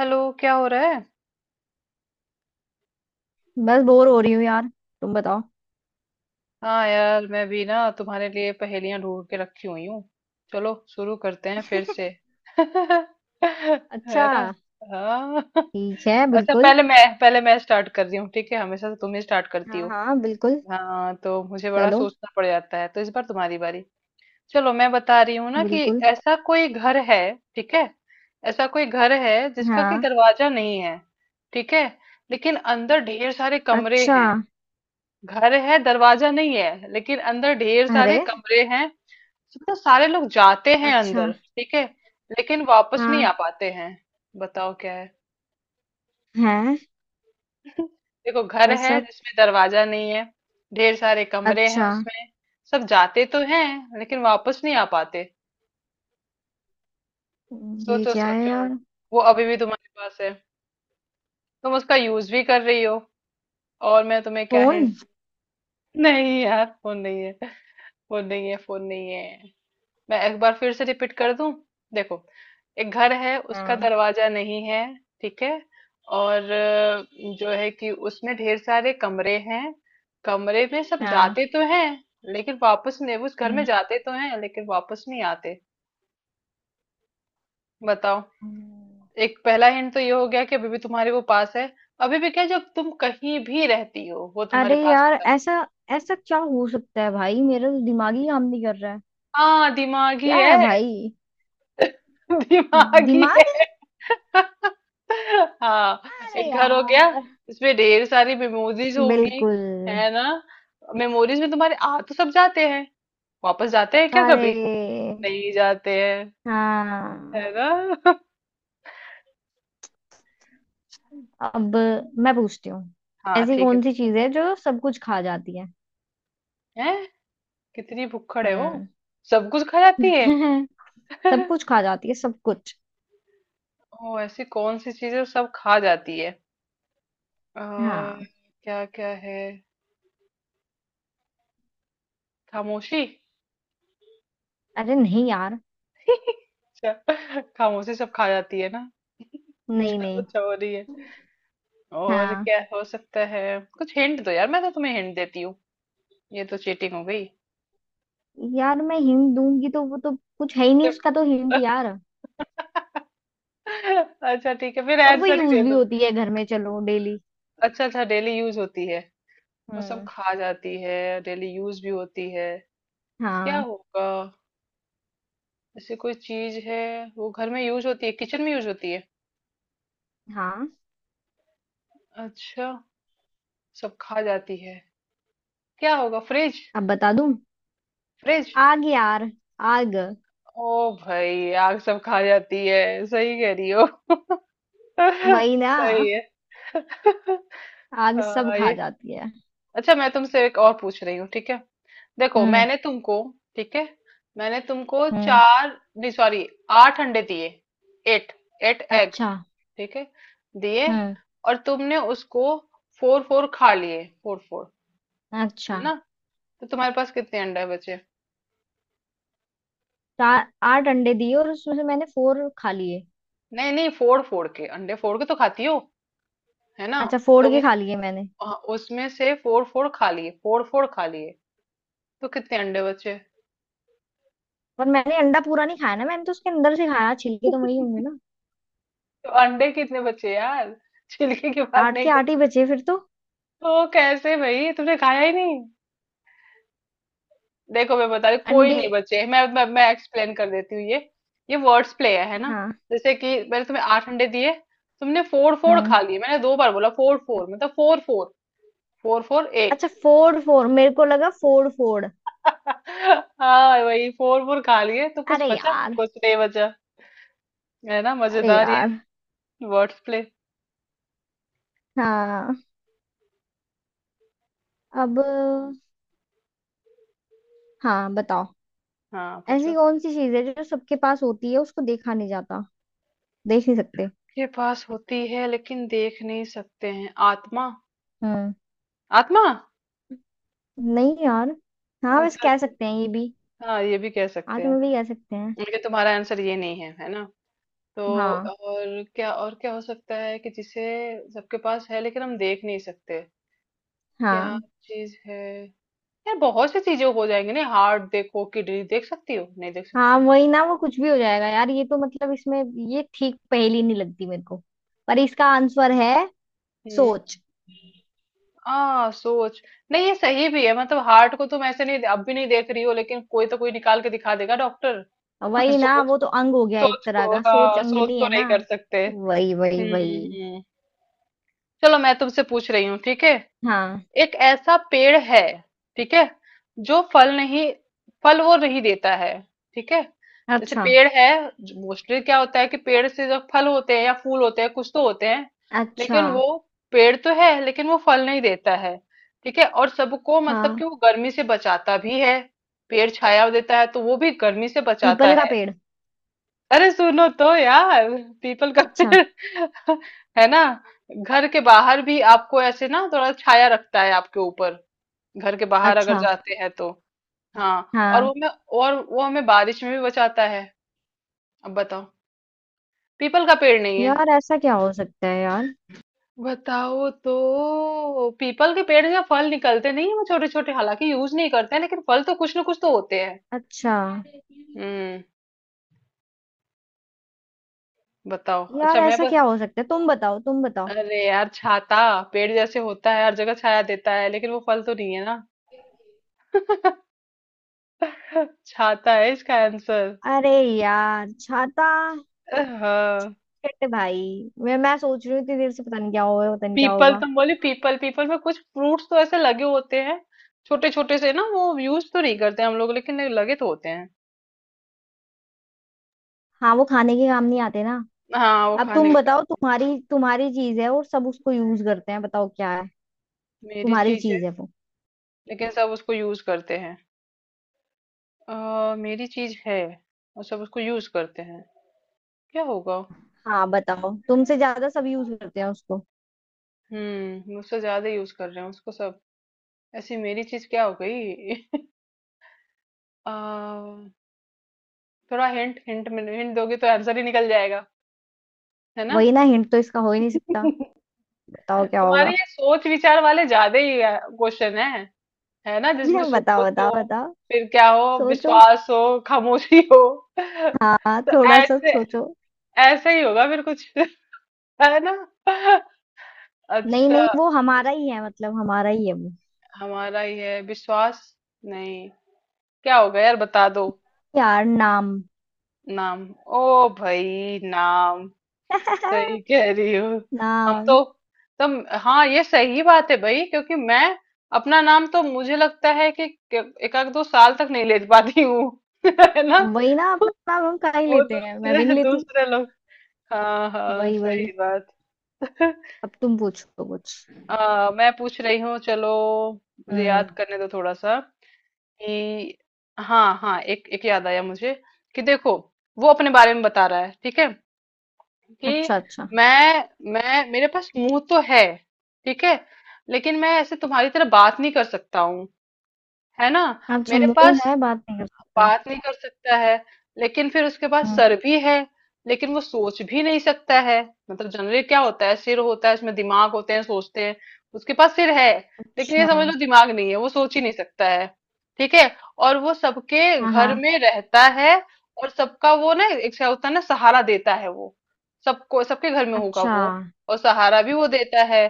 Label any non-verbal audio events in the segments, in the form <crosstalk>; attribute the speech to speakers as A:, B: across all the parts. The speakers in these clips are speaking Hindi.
A: हेलो, क्या हो रहा है?
B: बस बोर हो रही हूँ यार। तुम बताओ।
A: हाँ यार, मैं भी ना तुम्हारे लिए पहेलियां ढूंढ के रखी हुई हूँ। चलो शुरू करते हैं फिर से। <laughs> है
B: अच्छा।
A: ना। हाँ। <laughs>
B: ठीक है,
A: अच्छा,
B: बिल्कुल।
A: पहले मैं स्टार्ट कर रही हूँ, ठीक है। हमेशा से तुम ही स्टार्ट करती
B: हाँ
A: हो।
B: हाँ, बिल्कुल।
A: हाँ तो मुझे बड़ा
B: चलो।
A: सोचना पड़ जाता है, तो इस बार तुम्हारी बारी। चलो मैं बता रही हूँ ना कि
B: बिल्कुल।
A: ऐसा कोई घर है, ठीक है, ऐसा कोई घर है जिसका कि
B: हाँ।
A: दरवाजा नहीं है, ठीक है, लेकिन अंदर ढेर सारे कमरे
B: अच्छा।
A: हैं। घर है, दरवाजा नहीं है, लेकिन अंदर ढेर
B: अरे।
A: सारे कमरे हैं। तो सारे लोग जाते हैं
B: अच्छा।
A: अंदर, ठीक है, लेकिन वापस नहीं
B: हाँ।
A: आ पाते हैं। बताओ क्या है।
B: है।
A: <laughs> देखो, घर है
B: ऐसा।
A: जिसमें दरवाजा नहीं है, ढेर सारे कमरे हैं
B: अच्छा।
A: उसमें, सब जाते तो हैं लेकिन वापस नहीं आ पाते।
B: ये
A: सोचो
B: क्या है
A: सोचो।
B: यार?
A: वो अभी भी तुम्हारे पास है, तुम उसका यूज भी कर रही हो। और मैं तुम्हें क्या
B: फोन।
A: हिंट। <laughs> नहीं यार, फोन नहीं है, फोन नहीं है, फोन नहीं है। मैं एक बार फिर से रिपीट कर दूं। देखो, एक घर है, उसका
B: हाँ।
A: दरवाजा नहीं है, ठीक है। और जो है कि उसमें ढेर सारे कमरे हैं। कमरे में सब
B: हाँ।
A: जाते तो हैं, लेकिन वापस नहीं, उस घर में
B: हम्म।
A: जाते तो हैं लेकिन वापस नहीं आते। बताओ।
B: हम्म,
A: एक पहला हिंट तो ये हो गया कि अभी भी तुम्हारे वो पास है। अभी भी क्या, जब तुम कहीं भी रहती हो वो तुम्हारे
B: अरे
A: पास
B: यार,
A: होता है।
B: ऐसा ऐसा क्या हो सकता है भाई, मेरा तो दिमाग ही काम नहीं कर रहा है।
A: हाँ, दिमागी
B: क्या है
A: है।
B: भाई?
A: <laughs> दिमागी
B: दिमाग।
A: है। <laughs> हाँ।
B: अरे
A: एक घर हो गया,
B: यार।
A: इसमें ढेर सारी मेमोरीज होगी,
B: बिल्कुल।
A: है ना। मेमोरीज में तुम्हारे आ तो सब जाते हैं, वापस जाते हैं क्या कभी?
B: अरे।
A: नहीं जाते हैं,
B: हाँ।
A: है ना। <laughs>
B: अब मैं पूछती हूँ।
A: हाँ
B: ऐसी
A: ठीक है,
B: कौन सी
A: पूछो।
B: चीज है जो सब कुछ खा जाती है?
A: हैं? कितनी भुक्खड़ है वो,
B: हम्म।
A: सब कुछ खा जाती है।
B: <laughs> सब
A: <laughs>
B: कुछ खा जाती है, सब कुछ।
A: ओ, ऐसी कौन सी चीजें सब खा जाती है। आ,
B: हाँ।
A: क्या क्या है। खामोशी।
B: अरे नहीं यार।
A: अच्छा। <laughs> खामोशी सब खा जाती है ना।
B: नहीं
A: चलो
B: नहीं।
A: अच्छा हो रही है। और
B: हाँ
A: क्या हो सकता है। कुछ हिंट दो यार, मैं तो तुम्हें हिंट देती हूँ, ये तो चीटिंग हो गई।
B: यार, मैं हिंट दूंगी तो वो तो कुछ है ही नहीं, उसका
A: <laughs>
B: तो हिंट यार।
A: अच्छा ठीक है, फिर
B: और वो
A: आंसर ही
B: यूज
A: दे
B: भी
A: दो।
B: होती है घर में, चलो डेली।
A: अच्छा अच्छा, डेली यूज होती है, वो सब
B: हम्म।
A: खा जाती है, डेली यूज भी होती है, क्या
B: हाँ।
A: होगा? जैसे कोई चीज है, वो घर में यूज होती है, किचन में यूज होती है,
B: हाँ।
A: अच्छा, सब खा जाती है, क्या होगा? फ्रिज?
B: अब बता दूं।
A: फ्रिज?
B: आग यार। आग।
A: ओ भाई, आग सब खा जाती है, सही कह रही हो। <laughs>
B: वही ना।
A: सही है। <laughs> हाँ,
B: आग सब खा
A: ये।
B: जाती है।
A: अच्छा, मैं तुमसे एक और पूछ रही हूँ, ठीक है। देखो,
B: हम्म।
A: मैंने तुमको, ठीक है, मैंने तुमको
B: हम्म।
A: चार, नहीं सॉरी, आठ अंडे दिए। एट, एट एग,
B: अच्छा।
A: ठीक है, दिए।
B: हम्म।
A: और तुमने उसको फोर फोर खा लिए, फोर फोर, है
B: अच्छा।
A: ना। तो तुम्हारे पास कितने अंडे बचे?
B: चार। आठ अंडे दिए और उसमें से मैंने फोर खा लिए।
A: नहीं नहीं, फोड़ फोड़ के, अंडे फोड़ के तो खाती हो, है ना।
B: अच्छा, फोड़
A: तुमने,
B: के खा लिए मैंने?
A: हाँ, उसमें से फोर फोर खा लिए, फोर फोर खा लिए, तो कितने अंडे बचे?
B: पर मैंने अंडा पूरा नहीं खाया ना, मैंने तो उसके अंदर से खाया, छिलके तो वही होंगे ना।
A: तो अंडे कितने बचे यार, छिलके की बात
B: आठ
A: नहीं
B: के
A: कर।
B: आठ ही बचे फिर तो।
A: ओ कैसे भाई, तुमने खाया ही नहीं। देखो मैं बता रही हूँ, कोई
B: अंडे।
A: नहीं बचे। मैं एक्सप्लेन कर देती हूँ ये। ये वर्ड्स प्ले है ना।
B: हाँ।
A: जैसे कि मैंने तुम्हें आठ अंडे दिए, तुमने फोर फोर
B: हम्म।
A: खा लिए, मैंने दो बार बोला फोर फोर, मतलब four four, four four eight.
B: अच्छा फोड़ फोड़, मेरे को लगा फोड़ फोड़।
A: <laughs> हाँ भाई, फोर फोर खा लिए तो कुछ
B: अरे
A: बचा,
B: यार।
A: कुछ नहीं बचा, है ना।
B: अरे
A: मजेदार ये
B: यार।
A: Words play.
B: हाँ। अब। हाँ बताओ।
A: हाँ
B: ऐसी
A: पूछो।
B: कौन सी चीज है जो सबके पास होती है, उसको देखा नहीं जाता? देख नहीं सकते।
A: के पास होती है लेकिन देख नहीं सकते हैं, आत्मा,
B: हम्म।
A: आत्मा।
B: नहीं यार। हाँ वैसे
A: अच्छा
B: कह
A: अच्छा,
B: सकते हैं ये भी।
A: हाँ ये भी कह
B: हाँ
A: सकते हैं,
B: तुम्हें भी कह सकते हैं।
A: लेकिन तुम्हारा आंसर ये नहीं है, है ना। तो
B: हाँ।
A: और क्या, और क्या हो सकता है कि जिसे सबके पास है लेकिन हम देख नहीं सकते, क्या
B: हाँ।
A: चीज है। यार बहुत सी चीजें हो जाएंगी ना, हार्ट देखो, किडनी, देख सकती हो? नहीं देख
B: हाँ
A: सकते।
B: वही ना, वो कुछ भी हो जाएगा यार, ये तो मतलब इसमें। ये ठीक पहेली नहीं लगती मेरे को। पर इसका आंसर है
A: हम्म।
B: सोच।
A: आ सोच। नहीं ये सही भी है, मतलब हार्ट को तुम ऐसे नहीं, अब भी नहीं देख रही हो, लेकिन कोई तो, कोई निकाल के दिखा देगा डॉक्टर। <laughs>
B: वही ना,
A: सोच
B: वो तो
A: को,
B: अंग हो गया एक
A: सोच
B: तरह
A: को,
B: का, सोच
A: हाँ, सोच
B: अंगनी
A: को
B: है
A: नहीं
B: ना।
A: कर सकते।
B: वही वही
A: हम्म।
B: वही।
A: हम्म। चलो मैं तुमसे पूछ रही हूँ, ठीक है।
B: हाँ।
A: एक ऐसा पेड़ है, ठीक है, जो फल नहीं, फल वो नहीं देता है, ठीक है। जैसे
B: अच्छा
A: पेड़ है, मोस्टली क्या होता है कि पेड़ से जो फल होते हैं या फूल होते हैं, कुछ तो होते हैं,
B: अच्छा।
A: लेकिन वो पेड़ तो है, लेकिन वो फल नहीं देता है, ठीक है। और सबको मतलब
B: हाँ।
A: कि वो गर्मी से बचाता भी है, पेड़ छाया देता है, तो वो भी गर्मी से बचाता
B: पीपल का
A: है।
B: पेड़।
A: अरे सुनो तो यार, पीपल का
B: अच्छा।
A: पेड़। <laughs> है ना, घर के बाहर भी आपको ऐसे ना थोड़ा छाया रखता है आपके ऊपर, घर के बाहर अगर
B: अच्छा।
A: जाते हैं तो। हाँ और
B: हाँ
A: वो मैं, और वो हमें बारिश में भी बचाता है। अब बताओ। पीपल का पेड़ नहीं है।
B: यार, ऐसा क्या हो सकता है यार?
A: बताओ तो, पीपल के पेड़ से फल निकलते नहीं है छोटे छोटे, हालांकि यूज नहीं करते हैं लेकिन फल तो कुछ ना कुछ तो होते हैं।
B: अच्छा।
A: हम्म। बताओ।
B: यार
A: अच्छा मैं
B: ऐसा
A: बस,
B: क्या हो सकता है, तुम बताओ तुम बताओ।
A: अरे यार, छाता। पेड़ जैसे होता है हर जगह, छाया देता है, लेकिन वो फल तो नहीं है ना। <laughs> छाता है इसका आंसर।
B: अरे यार, छाता।
A: हाँ।
B: शिट भाई। मैं सोच रही हूँ इतनी देर से, पता नहीं क्या होगा, पता नहीं क्या
A: पीपल,
B: होगा।
A: तुम बोले पीपल, पीपल में कुछ फ्रूट्स तो ऐसे लगे होते हैं, छोटे छोटे से ना, वो यूज तो नहीं करते हम लोग, लेकिन लगे तो होते हैं।
B: हाँ वो खाने के काम नहीं आते ना।
A: हाँ वो
B: अब
A: खाने
B: तुम
A: के काम।
B: बताओ, तुम्हारी तुम्हारी चीज है और सब उसको यूज करते हैं, बताओ क्या है?
A: मेरी
B: तुम्हारी
A: चीज है,
B: चीज है वो।
A: लेकिन सब उसको यूज करते हैं। मेरी चीज है और सब उसको यूज करते हैं, क्या होगा?
B: हाँ बताओ, तुमसे ज्यादा सब यूज करते हैं उसको।
A: हम्म, मुझसे ज्यादा यूज कर रहे हैं उसको सब। ऐसी मेरी चीज क्या हो गई। <laughs> अ, थोड़ा हिंट, हिंट में हिंट दोगे तो आंसर ही निकल जाएगा, है ना।
B: वही ना, हिंट तो इसका हो ही नहीं सकता।
A: <laughs>
B: बताओ क्या
A: तुम्हारे
B: होगा?
A: ये सोच विचार वाले ज्यादा ही क्वेश्चन है ना, जिसमें
B: <laughs> बताओ
A: सोच हो,
B: बताओ बताओ।
A: फिर क्या हो,
B: सोचो।
A: विश्वास हो, खामोशी हो। <laughs>
B: हाँ
A: तो
B: थोड़ा सा
A: ऐसे,
B: सोचो।
A: ऐसे ही होगा फिर कुछ। <laughs> है ना।
B: नहीं
A: अच्छा,
B: नहीं, वो हमारा ही है, मतलब हमारा ही है वो।
A: हमारा ये विश्वास? नहीं। क्या होगा यार, बता दो।
B: यार नाम।
A: नाम? ओ भाई, नाम, सही
B: <laughs>
A: कह रही हो। हम
B: नाम।
A: तो, तुम, हाँ ये सही बात है भाई, क्योंकि मैं अपना नाम तो मुझे लगता है कि एक आध दो साल तक नहीं ले पाती हूँ। <laughs> है ना,
B: वही ना, अपना नाम हम कहा ही
A: वो
B: लेते हैं, मैं भी
A: दूसरे
B: नहीं लेती।
A: दूसरे लोग। हाँ हाँ,
B: वही वही।
A: सही बात। <laughs>
B: अब तुम पूछो कुछ।
A: मैं पूछ रही हूँ, चलो, मुझे
B: हम्म।
A: याद करने दो थोड़ा सा कि, हाँ हाँ, एक एक याद आया मुझे, कि देखो, वो अपने बारे में बता रहा है, ठीक है, कि
B: अच्छा अच्छा।
A: मैं मैं, मेरे पास मुंह तो है, ठीक है, लेकिन मैं ऐसे तुम्हारी तरह बात नहीं कर सकता हूँ, है ना।
B: अच्छा
A: मेरे
B: मुंह
A: पास,
B: है बात नहीं कर सकता।
A: बात नहीं कर सकता है। लेकिन फिर उसके बाद
B: हाँ।
A: सर भी है, लेकिन वो सोच भी नहीं सकता है। मतलब जनरली क्या होता है, सिर होता है, इसमें दिमाग होते हैं, सोचते हैं। उसके पास सिर है, लेकिन ये
B: अच्छा।
A: समझ लो दिमाग नहीं है, वो सोच ही नहीं सकता है, ठीक है। और वो सबके
B: हाँ हाँ।
A: घर में रहता है। और सबका वो ना एक क्या होता है ना, सहारा देता है वो, सबको, सबके घर में होगा
B: अच्छा।
A: वो, और सहारा भी वो देता है।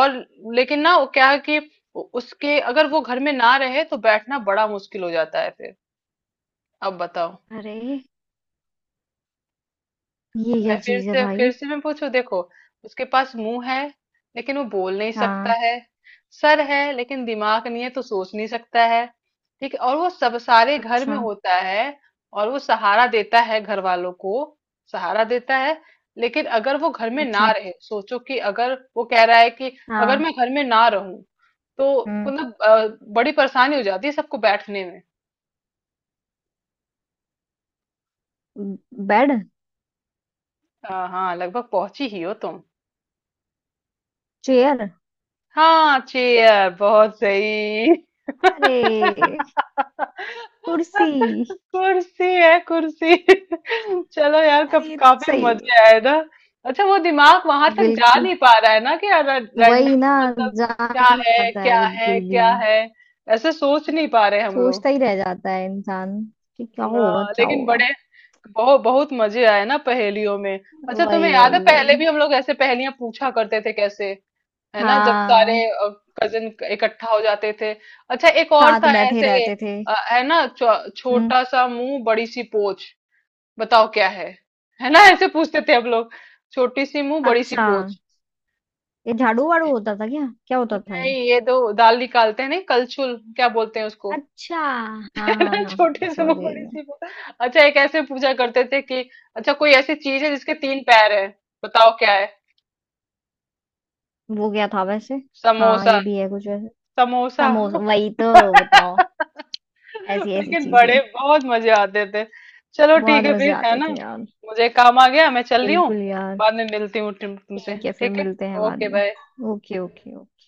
A: और, लेकिन ना वो क्या है कि उसके, अगर वो घर में ना रहे तो बैठना बड़ा मुश्किल हो जाता है फिर। अब बताओ।
B: अरे ये
A: मैं
B: क्या चीज है
A: फिर
B: भाई?
A: से मैं पूछू, देखो, उसके पास मुंह है लेकिन वो बोल नहीं सकता
B: हाँ।
A: है, सर है लेकिन दिमाग नहीं है तो सोच नहीं सकता है, ठीक है, और वो सब सारे घर में
B: अच्छा
A: होता है, और वो सहारा देता है घर वालों को, सहारा देता है। लेकिन अगर वो घर में ना
B: अच्छा।
A: रहे, सोचो कि अगर वो कह रहा है कि अगर
B: हाँ।
A: मैं घर में ना रहूं तो
B: हम्म।
A: मतलब बड़ी परेशानी हो जाती है सबको बैठने में।
B: बेड।
A: हाँ, लगभग पहुंची ही हो तुम।
B: चेयर।
A: हाँ चेयर, बहुत सही।
B: अरे
A: <laughs>
B: कुर्सी।
A: कुर्सी है, कुर्सी। <laughs> चलो यार,
B: अरे
A: कब
B: ये तो
A: काफी
B: सही है।
A: मजे आए ना। अच्छा वो दिमाग वहां तक जा
B: बिल्कुल।
A: नहीं पा रहा है ना कि
B: वही ना।
A: रैंडमली, मतलब। क्या
B: जान
A: है,
B: जाता है
A: क्या है,
B: बिल्कुल भी।
A: क्या है, ऐसे सोच नहीं पा रहे हम लोग।
B: सोचता ही रह जाता है इंसान, कि क्या होगा
A: हाँ,
B: क्या
A: लेकिन
B: होगा।
A: बड़े, बहुत बहुत मजे आए ना पहेलियों में। अच्छा
B: वही
A: तुम्हें याद है
B: वही
A: पहले
B: वही।
A: भी हम लोग ऐसे पहेलियां पूछा करते थे, कैसे, है ना, जब सारे
B: हाँ।
A: कजिन इकट्ठा हो जाते थे। अच्छा एक और
B: साथ
A: था
B: बैठे
A: ऐसे,
B: रहते थे।
A: है ना,
B: हम्म।
A: छोटा सा मुंह, बड़ी सी पोच, बताओ क्या है। है ना ऐसे पूछते थे हम लोग, छोटी सी मुंह, बड़ी सी
B: अच्छा,
A: पोच।
B: ये झाड़ू वाड़ू होता था, क्या क्या होता था
A: नहीं,
B: ये?
A: ये दो दाल निकालते हैं, नहीं, कलछुल क्या बोलते हैं उसको।
B: अच्छा हाँ
A: <laughs>
B: हाँ।
A: है
B: हाँ
A: ना,
B: हाँ,
A: छोटी सी
B: समझ
A: मुंह,
B: गई
A: बड़ी
B: मैं।
A: सी पोच। अच्छा, एक ऐसे पूछा करते थे कि, अच्छा कोई ऐसी चीज है जिसके 3 पैर है, बताओ क्या है।
B: वो क्या था वैसे? हाँ
A: समोसा।
B: ये भी है कुछ वैसे।
A: समोसा।
B: समोसा। वही तो। बताओ। ऐसी
A: <laughs>
B: ऐसी
A: लेकिन
B: चीजें।
A: बड़े बहुत मजे आते थे। चलो ठीक
B: बहुत
A: है
B: मजे
A: फिर, है
B: आते
A: ना,
B: थे यार।
A: मुझे काम आ गया, मैं चल रही हूँ।
B: बिल्कुल यार।
A: बाद में मिलती हूँ तुमसे,
B: ठीक है फिर
A: ठीक है।
B: मिलते हैं बाद
A: ओके बाय।
B: में। Okay okay. ओके।